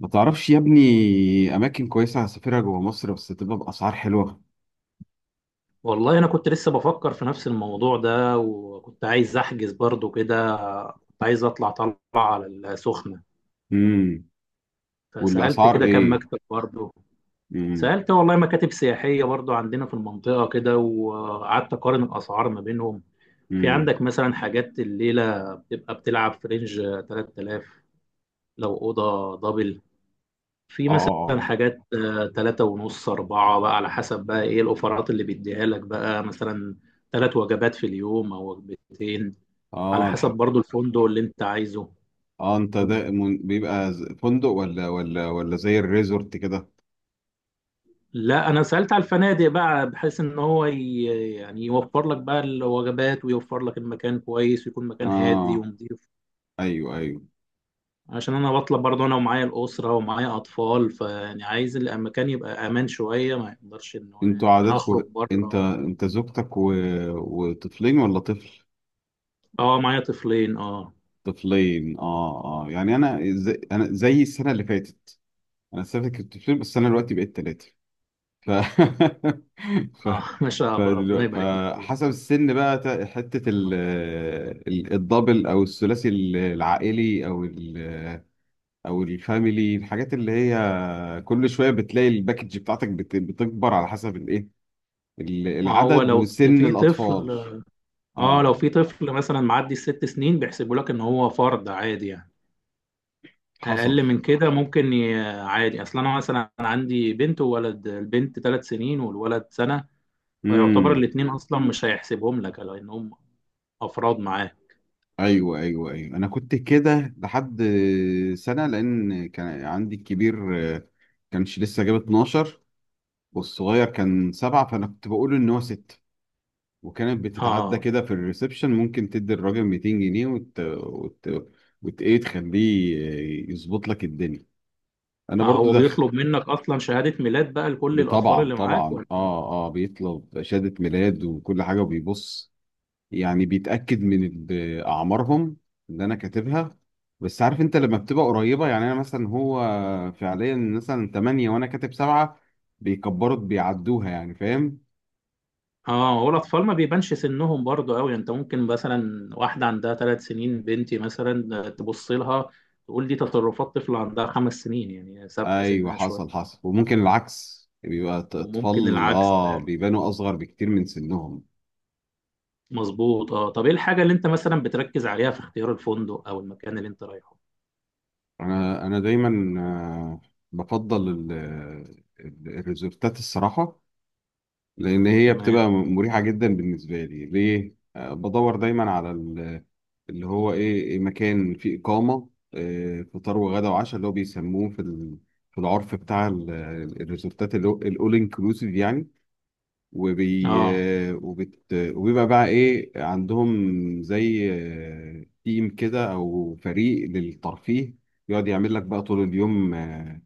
ما تعرفش يا ابني اماكن كويسه هسافرها جوه مصر بس تبقى باسعار حلوه. والله انا كنت لسه بفكر في نفس الموضوع ده، وكنت عايز احجز برضو كده. كنت عايز اطلع طلعه على السخنه، امم فسالت والاسعار كده كام ايه؟ مكتب برضو. امم سالت والله مكاتب سياحيه برضو عندنا في المنطقه كده، وقعدت اقارن الاسعار ما بينهم. في امم عندك مثلا حاجات الليله بتبقى بتلعب في رينج 3000 لو اوضه دبل. في اه، مثلا اه، حاجات تلاتة ونص أربعة بقى على حسب بقى إيه الأوفرات اللي بيديها لك بقى، مثلا 3 وجبات في اليوم أو وجبتين، اه، على اه، حسب الحق. برضو الفندق اللي انت عايزه. اه، انت ده بيبقى فندق ولا زي الريزورت كده؟ لا، انا سألت على الفنادق بقى بحيث ان هو يعني يوفر لك بقى الوجبات، ويوفر لك المكان كويس، ويكون مكان هادي اه، ونظيف. ايوه، ايوه. عشان انا بطلب برضو انا ومعايا الأسرة ومعايا اطفال، فيعني عايز المكان يبقى امان شوية، ما يقدرش ان هو انتوا ان انا عاداتكم. اخرج انت بره. انت زوجتك وطفلين ولا طفل؟ اه، معايا طفلين اه طفلين، اه، اه. يعني انا زي السنه اللي فاتت. انا السنه اللي فاتت كنت طفلين، بس انا دلوقتي بقيت ثلاثه. ف ف... اه. ما شاء الله، ربنا يبارك لك فيهم. فحسب السن بقى، حتة الدبل أو الثلاثي، العائلي أو أو الفاميلي. الحاجات اللي هي كل شوية بتلاقي الباكج بتاعتك بتكبر على حسب الإيه، ما هو العدد لو وسن في طفل. الأطفال. اه، لو آه في طفل مثلا معدي ال6 سنين بيحسبوا لك ان هو فرد عادي يعني. حصل. اقل من كده ممكن عادي، اصل انا مثلا عندي بنت وولد، البنت 3 سنين والولد سنه، فيعتبر امم الاثنين اصلا مش هيحسبهم لك لانهم افراد معاه. ايوه، ايوه، ايوه، انا كنت كده لحد سنه، لان كان عندي الكبير كانش لسه جاب 12 والصغير كان 7، فانا كنت بقول ان هو 6، وكانت بتتعدى اه كده في الريسبشن. ممكن تدي الراجل 200 جنيه ايه، تخليه يظبط لك الدنيا. انا اه، برضو هو دخل. بيطلب منك اصلا شهاده ميلاد بقى لكل الاطفال طبعا، اللي معاك طبعا، ولا؟ اه، اه، بيطلب شهادة ميلاد وكل حاجة، وبيبص يعني بيتأكد من اعمارهم اللي انا كاتبها. بس عارف انت لما بتبقى قريبة، يعني انا مثلا هو فعليا مثلا 8 وانا كاتب 7، بيكبروا بيعدوها، يعني فاهم. اه، هو الاطفال ما بيبانش سنهم برضه قوي. انت ممكن مثلا واحده عندها 3 سنين، بنتي مثلا، تبص لها تقول دي تصرفات طفل عندها 5 سنين، يعني سابقه ايوه، سنها حصل، شويه. حصل. وممكن العكس، بيبقى وممكن اطفال العكس. اه بيبانوا اصغر بكتير من سنهم. مظبوط. اه، طب ايه الحاجة اللي انت مثلا بتركز عليها في اختيار الفندق او المكان اللي انت رايحه؟ انا دايما بفضل الريزورتات الصراحه، لان هي تمام. بتبقى مريحه جدا بالنسبه لي. ليه؟ بدور دايما على اللي هو ايه، إيه، مكان فيه اقامه، فطار وغدا وعشاء، اللي هو بيسموه في في العرف بتاع الريزورتات، الاول انكلوسيف يعني. وبي اه وبيبقى بقى ايه عندهم زي تيم كده او فريق للترفيه، يقعد يعمل لك بقى طول اليوم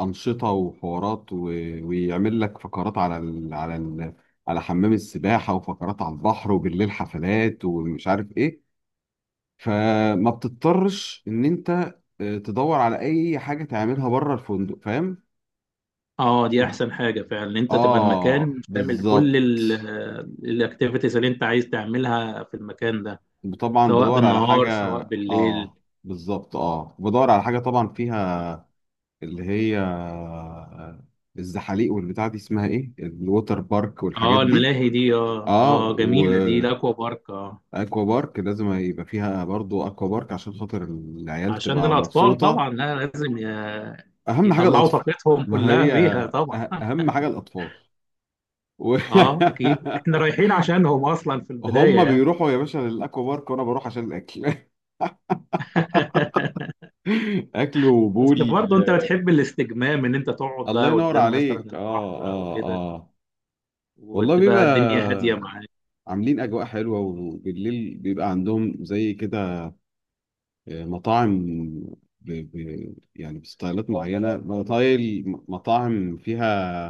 أنشطة وحوارات ويعمل لك فقرات على على حمام السباحة، وفقرات على البحر، وبالليل حفلات ومش عارف ايه. فما بتضطرش ان انت تدور على اي حاجة تعملها بره الفندق، فاهم؟ اه، دي احسن حاجة فعلا ان انت تبقى اه، المكان تعمل كل بالظبط. الاكتيفيتيز اللي انت عايز تعملها في المكان ده، طبعا سواء بدور على بالنهار حاجة. سواء بالليل. اه، بالظبط، اه، بدور على حاجه طبعا فيها اللي هي الزحاليق والبتاع دي، اسمها ايه، الووتر بارك والحاجات اه، دي. الملاهي دي، اه اه، اه، جميلة دي واكوا الاكوا بارك، اه. بارك، لازم يبقى فيها برضو اكوا بارك عشان خاطر العيال عشان تبقى الاطفال مبسوطه. طبعا، لا لازم اهم حاجه يطلعوا الاطفال. طاقتهم ما كلها هي فيها طبعا. اهم حاجه الاطفال. و... اه اكيد احنا رايحين عشانهم اصلا في هم البداية يعني. بيروحوا يا باشا للاكوا بارك، وانا بروح عشان الاكل. اكل بس وبول. برضه انت بتحب الاستجمام ان انت تقعد الله بقى ينور قدام مثلا عليك، اه، البحر او اه، كده، اه. والله وتبقى بيبقى الدنيا هاديه معاك. عاملين أجواء حلوة، وبالليل بيبقى عندهم زي كده مطاعم، يعني بستايلات معينة، مطايل مطاعم فيها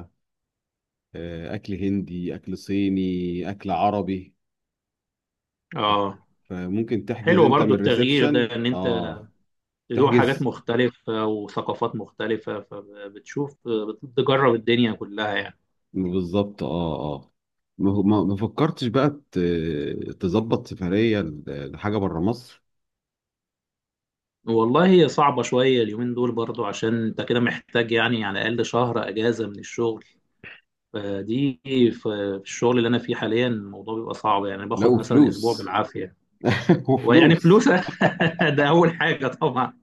أكل هندي، أكل صيني، أكل عربي. ف- اه، فممكن تحجز حلو أنت من برضه التغيير الريسبشن، ده، ان انت آه، تدوق حاجات تحجز. مختلفه وثقافات مختلفه، فبتشوف بتجرب الدنيا كلها يعني. بالظبط، آه، آه. ما فكرتش بقى تظبط سفرية لحاجة بره مصر؟ والله هي صعبه شويه اليومين دول برضه، عشان انت كده محتاج يعني على الاقل شهر اجازه من الشغل. فدي في الشغل اللي انا فيه حاليا الموضوع بيبقى صعب، يعني لا، باخد مثلا اسبوع وفلوس. بالعافيه. ويعني وفلوس. فلوس. ده اول حاجه طبعا.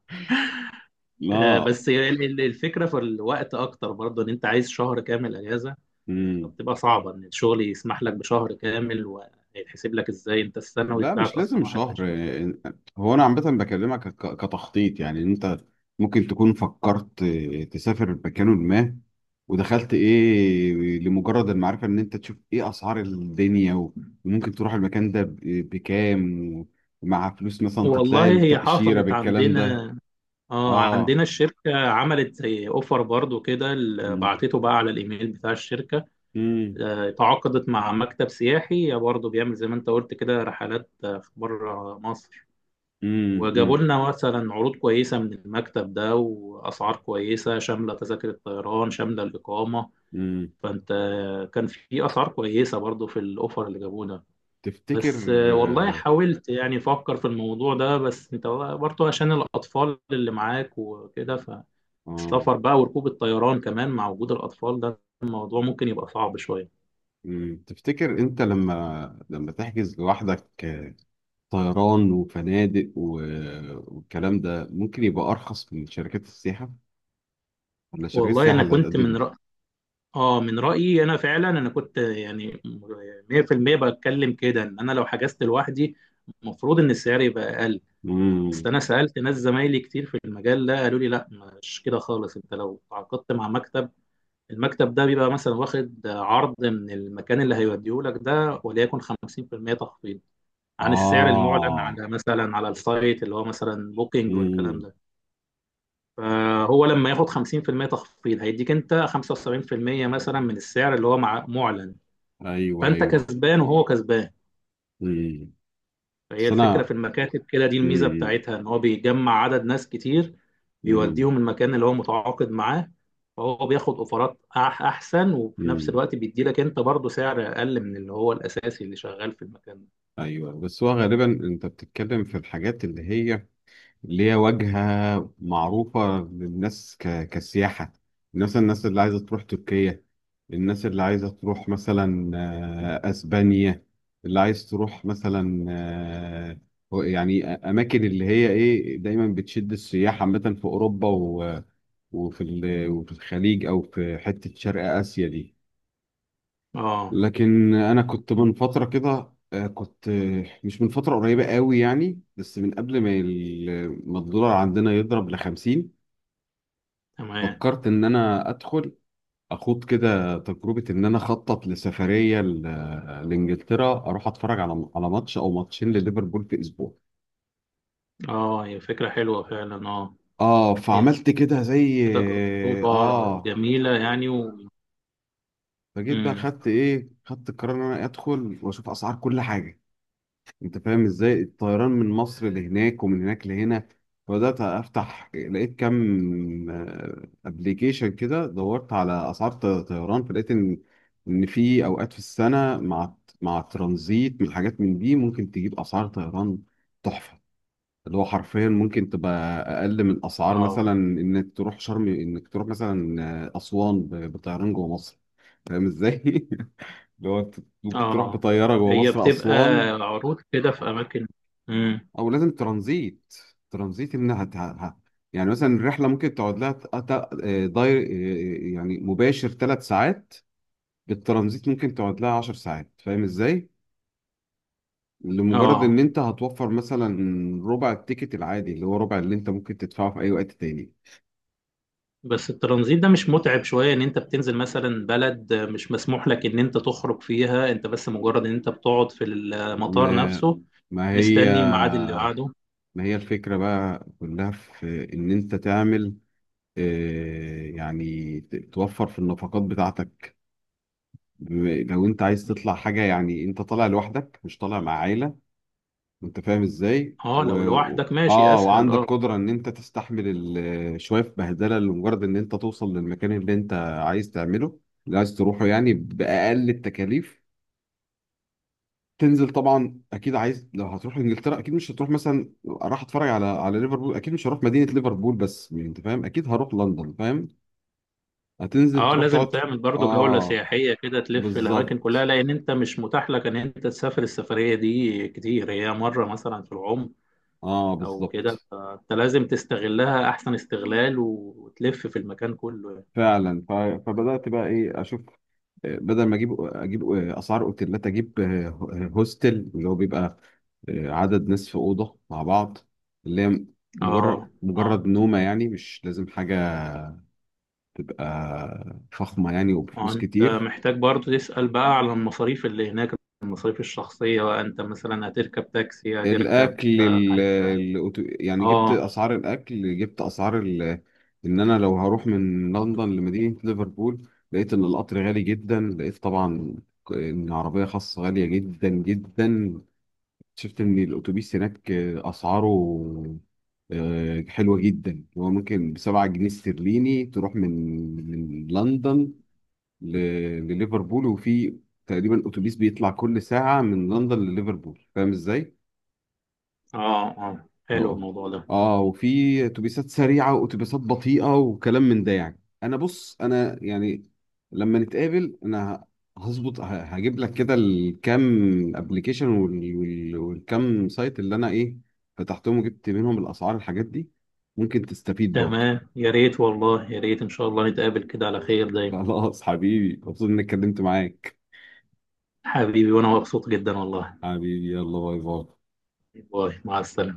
لا. بس هي الفكره في الوقت اكتر برضه، ان انت عايز شهر كامل اجازه، مم. فبتبقى صعبه ان الشغل يسمح لك بشهر كامل. وهيتحسب لك ازاي؟ انت السنوي لا، بتاعك مش لازم اصلا شهر 21 يوم. يعني. هو انا عامه بكلمك كتخطيط، يعني إن انت ممكن تكون فكرت تسافر مكان ما، ودخلت ايه لمجرد المعرفه ان انت تشوف ايه اسعار الدنيا، وممكن تروح المكان ده بكام، ومع فلوس مثلا تطلع والله هي التاشيره حصلت بالكلام ده. عندنا. اه، اه. عندنا الشركه عملت زي اوفر برضه كده، امم بعتته بقى على الايميل بتاع الشركه. امم تعاقدت مع مكتب سياحي برضه بيعمل زي ما انت قلت كده رحلات في بره مصر، وجابوا امم لنا مثلا عروض كويسة من المكتب ده، وأسعار كويسة شاملة تذاكر الطيران شاملة الإقامة. امم فأنت كان في أسعار كويسة برضو في الأوفر اللي جابوه ده. تفتكر؟ بس والله اه، حاولت يعني أفكر في الموضوع ده، بس أنت برضو عشان الأطفال اللي معاك وكده، آه، فالسفر بقى وركوب الطيران كمان مع وجود الأطفال ده الموضوع ممكن يبقى صعب شوية. مم. تفتكر انت لما، تحجز لوحدك طيران وفنادق والكلام ده، ممكن يبقى أرخص من شركات السياحة، ولا شركات والله السياحة أنا اللي كنت من هتقدمها؟ رأ... اه من رأيي انا فعلا، انا كنت يعني 100% بتكلم كده، ان انا لو حجزت لوحدي المفروض ان السعر يبقى اقل. بس امم انا سألت ناس زمايلي كتير في المجال ده قالوا لي لا، مش كده خالص. انت لو تعاقدت مع مكتب، المكتب ده بيبقى مثلا واخد عرض من المكان اللي هيوديه لك ده، وليكن 50% تخفيض عن السعر المعلن آه على مثلا على السايت اللي هو مثلا بوكينج والكلام امم ده. فهو لما ياخد 50% تخفيض هيديك انت 75% مثلا من السعر اللي هو مع معلن. أيوه، فانت أيوه. كسبان وهو كسبان. امم فهي بس الفكره أنا. في المكاتب كده دي الميزه امم بتاعتها، ان هو بيجمع عدد ناس كتير امم بيوديهم المكان اللي هو متعاقد معاه، فهو بياخد اوفرات احسن، وفي نفس امم الوقت بيدي لك انت برضه سعر اقل من اللي هو الاساسي اللي شغال في المكان ده. أيوه، بس هو غالبا أنت بتتكلم في الحاجات اللي هي ليها واجهة معروفة للناس كسياحة، مثلا الناس اللي عايزة تروح تركيا، الناس اللي عايزة تروح مثلا أسبانيا، اللي عايز تروح مثلا يعني أماكن اللي هي إيه دايما بتشد السياح عامة في أوروبا وفي وفي الخليج أو في حتة شرق آسيا دي. اه لكن انا كنت من فتره كده، آه، كنت آه، مش من فتره قريبه قوي يعني، بس من قبل ما الدولار عندنا يضرب ل 50، تمام. فكرت ان انا ادخل، اخوض كده تجربه ان انا اخطط لسفريه لانجلترا، اروح اتفرج على ماتش او ماتشين لليفربول في اسبوع. اه، هي فكره حلوه فعلا. اه، اه، هي فعملت كده زي، تجربه اه، جميله يعني. فجيت بقى، مم. خدت ايه، خدت القرار ان انا ادخل واشوف اسعار كل حاجه. انت فاهم ازاي الطيران من مصر لهناك ومن هناك لهنا. فبدات افتح، لقيت كام ابلكيشن كده، دورت على اسعار طيران، فلقيت ان في اوقات في السنه مع الترانزيت بالحاجات من دي، ممكن تجيب اسعار طيران تحفه، اللي هو حرفيا ممكن تبقى اقل من اسعار اه مثلا انك تروح شرم، انك تروح مثلا اسوان بطيران جوه مصر. فاهم ازاي؟ اللي هو انت ممكن تروح اه، بطياره جوه هي مصر بتبقى اسوان، عروض كده في اماكن. مم. او لازم ترانزيت. ترانزيت ان يعني مثلا الرحله ممكن تقعد لها ت- ت- آه، داير آه، آه، يعني مباشر 3 ساعات، بالترانزيت ممكن تقعد لها 10 ساعات. فاهم ازاي؟ لمجرد اه، ان انت هتوفر مثلا ربع التيكت العادي، اللي هو ربع اللي انت ممكن تدفعه في اي وقت تاني. بس الترانزيت ده مش متعب شوية ان انت بتنزل مثلا بلد مش مسموح لك ان انت تخرج فيها، انت بس مجرد ان انت بتقعد في المطار ما نفسه ما هي مستني الميعاد اللي بعده؟ ما هي الفكره بقى كلها في ان انت تعمل، يعني توفر في النفقات بتاعتك. لو انت عايز تطلع حاجه، يعني انت طالع لوحدك، مش طالع مع عائله. انت فاهم ازاي اه، لو لوحدك ماشي اه، اسهل وعندك اه. قدرة ان انت تستحمل شوية بهدلة لمجرد ان انت توصل للمكان اللي انت عايز تعمله، اللي عايز تروحه، يعني بأقل التكاليف. تنزل، طبعا اكيد عايز، لو هتروح انجلترا اكيد مش هتروح مثلا، راح اتفرج على ليفربول، اكيد مش هروح مدينة ليفربول بس، يعني انت فاهم، اكيد هروح لندن، فاهم. هتنزل اه تروح لازم تقعد تعمل برضو جولة اه، سياحية كده تلف الاماكن كلها، بالظبط. لان انت مش متاح لك ان انت تسافر السفرية دي كتير، هي مرة مثلا في العمر اه، او كده، بالظبط، فانت لازم تستغلها احسن استغلال وتلف في المكان كله يعني. فعلا. فبدأت بقى ايه اشوف، بدل ما اجيب اسعار اوتيلات، اجيب هوستل، اللي هو بيبقى عدد ناس في اوضه مع بعض، اللي هي اه اه، مجرد نومه يعني، مش لازم حاجه تبقى فخمه يعني وبفلوس وانت كتير. محتاج برضو تسأل بقى على المصاريف اللي هناك، المصاريف الشخصية بقى. انت مثلا هتركب تاكسي، هتركب الاكل حاجة. يعني جبت اه اسعار الاكل، جبت اسعار ان انا لو هروح من لندن لمدينه ليفربول، لقيت ان القطر غالي جدا، لقيت طبعا ان عربيه خاصه غاليه جدا جدا، شفت ان الاتوبيس هناك اسعاره حلوه جدا. هو ممكن بـ 7 جنيه استرليني تروح من لندن ل- لليفربول. وفي تقريبا اتوبيس بيطلع كل ساعه من لندن لليفربول، فاهم ازاي؟ اه اه، حلو اه، الموضوع ده. اه. وفي اتوبيسات سريعه واتوبيسات بطيئه وكلام من ده. يعني انا، بص، انا يعني لما نتقابل انا هظبط، هجيب لك كده الكام ابلكيشن والكام سايت اللي انا ايه فتحتهم، وجبت منهم الاسعار، الحاجات دي ممكن تستفيد برضه. تمام يا ريت، والله يا ريت ان شاء الله نتقابل كده على خير دايما. خلاص حبيبي، مبسوط اني اتكلمت معاك. حبيبي، وانا مبسوط جدا والله. حبيبي، يلا، باي، باي. باي، مع السلامة.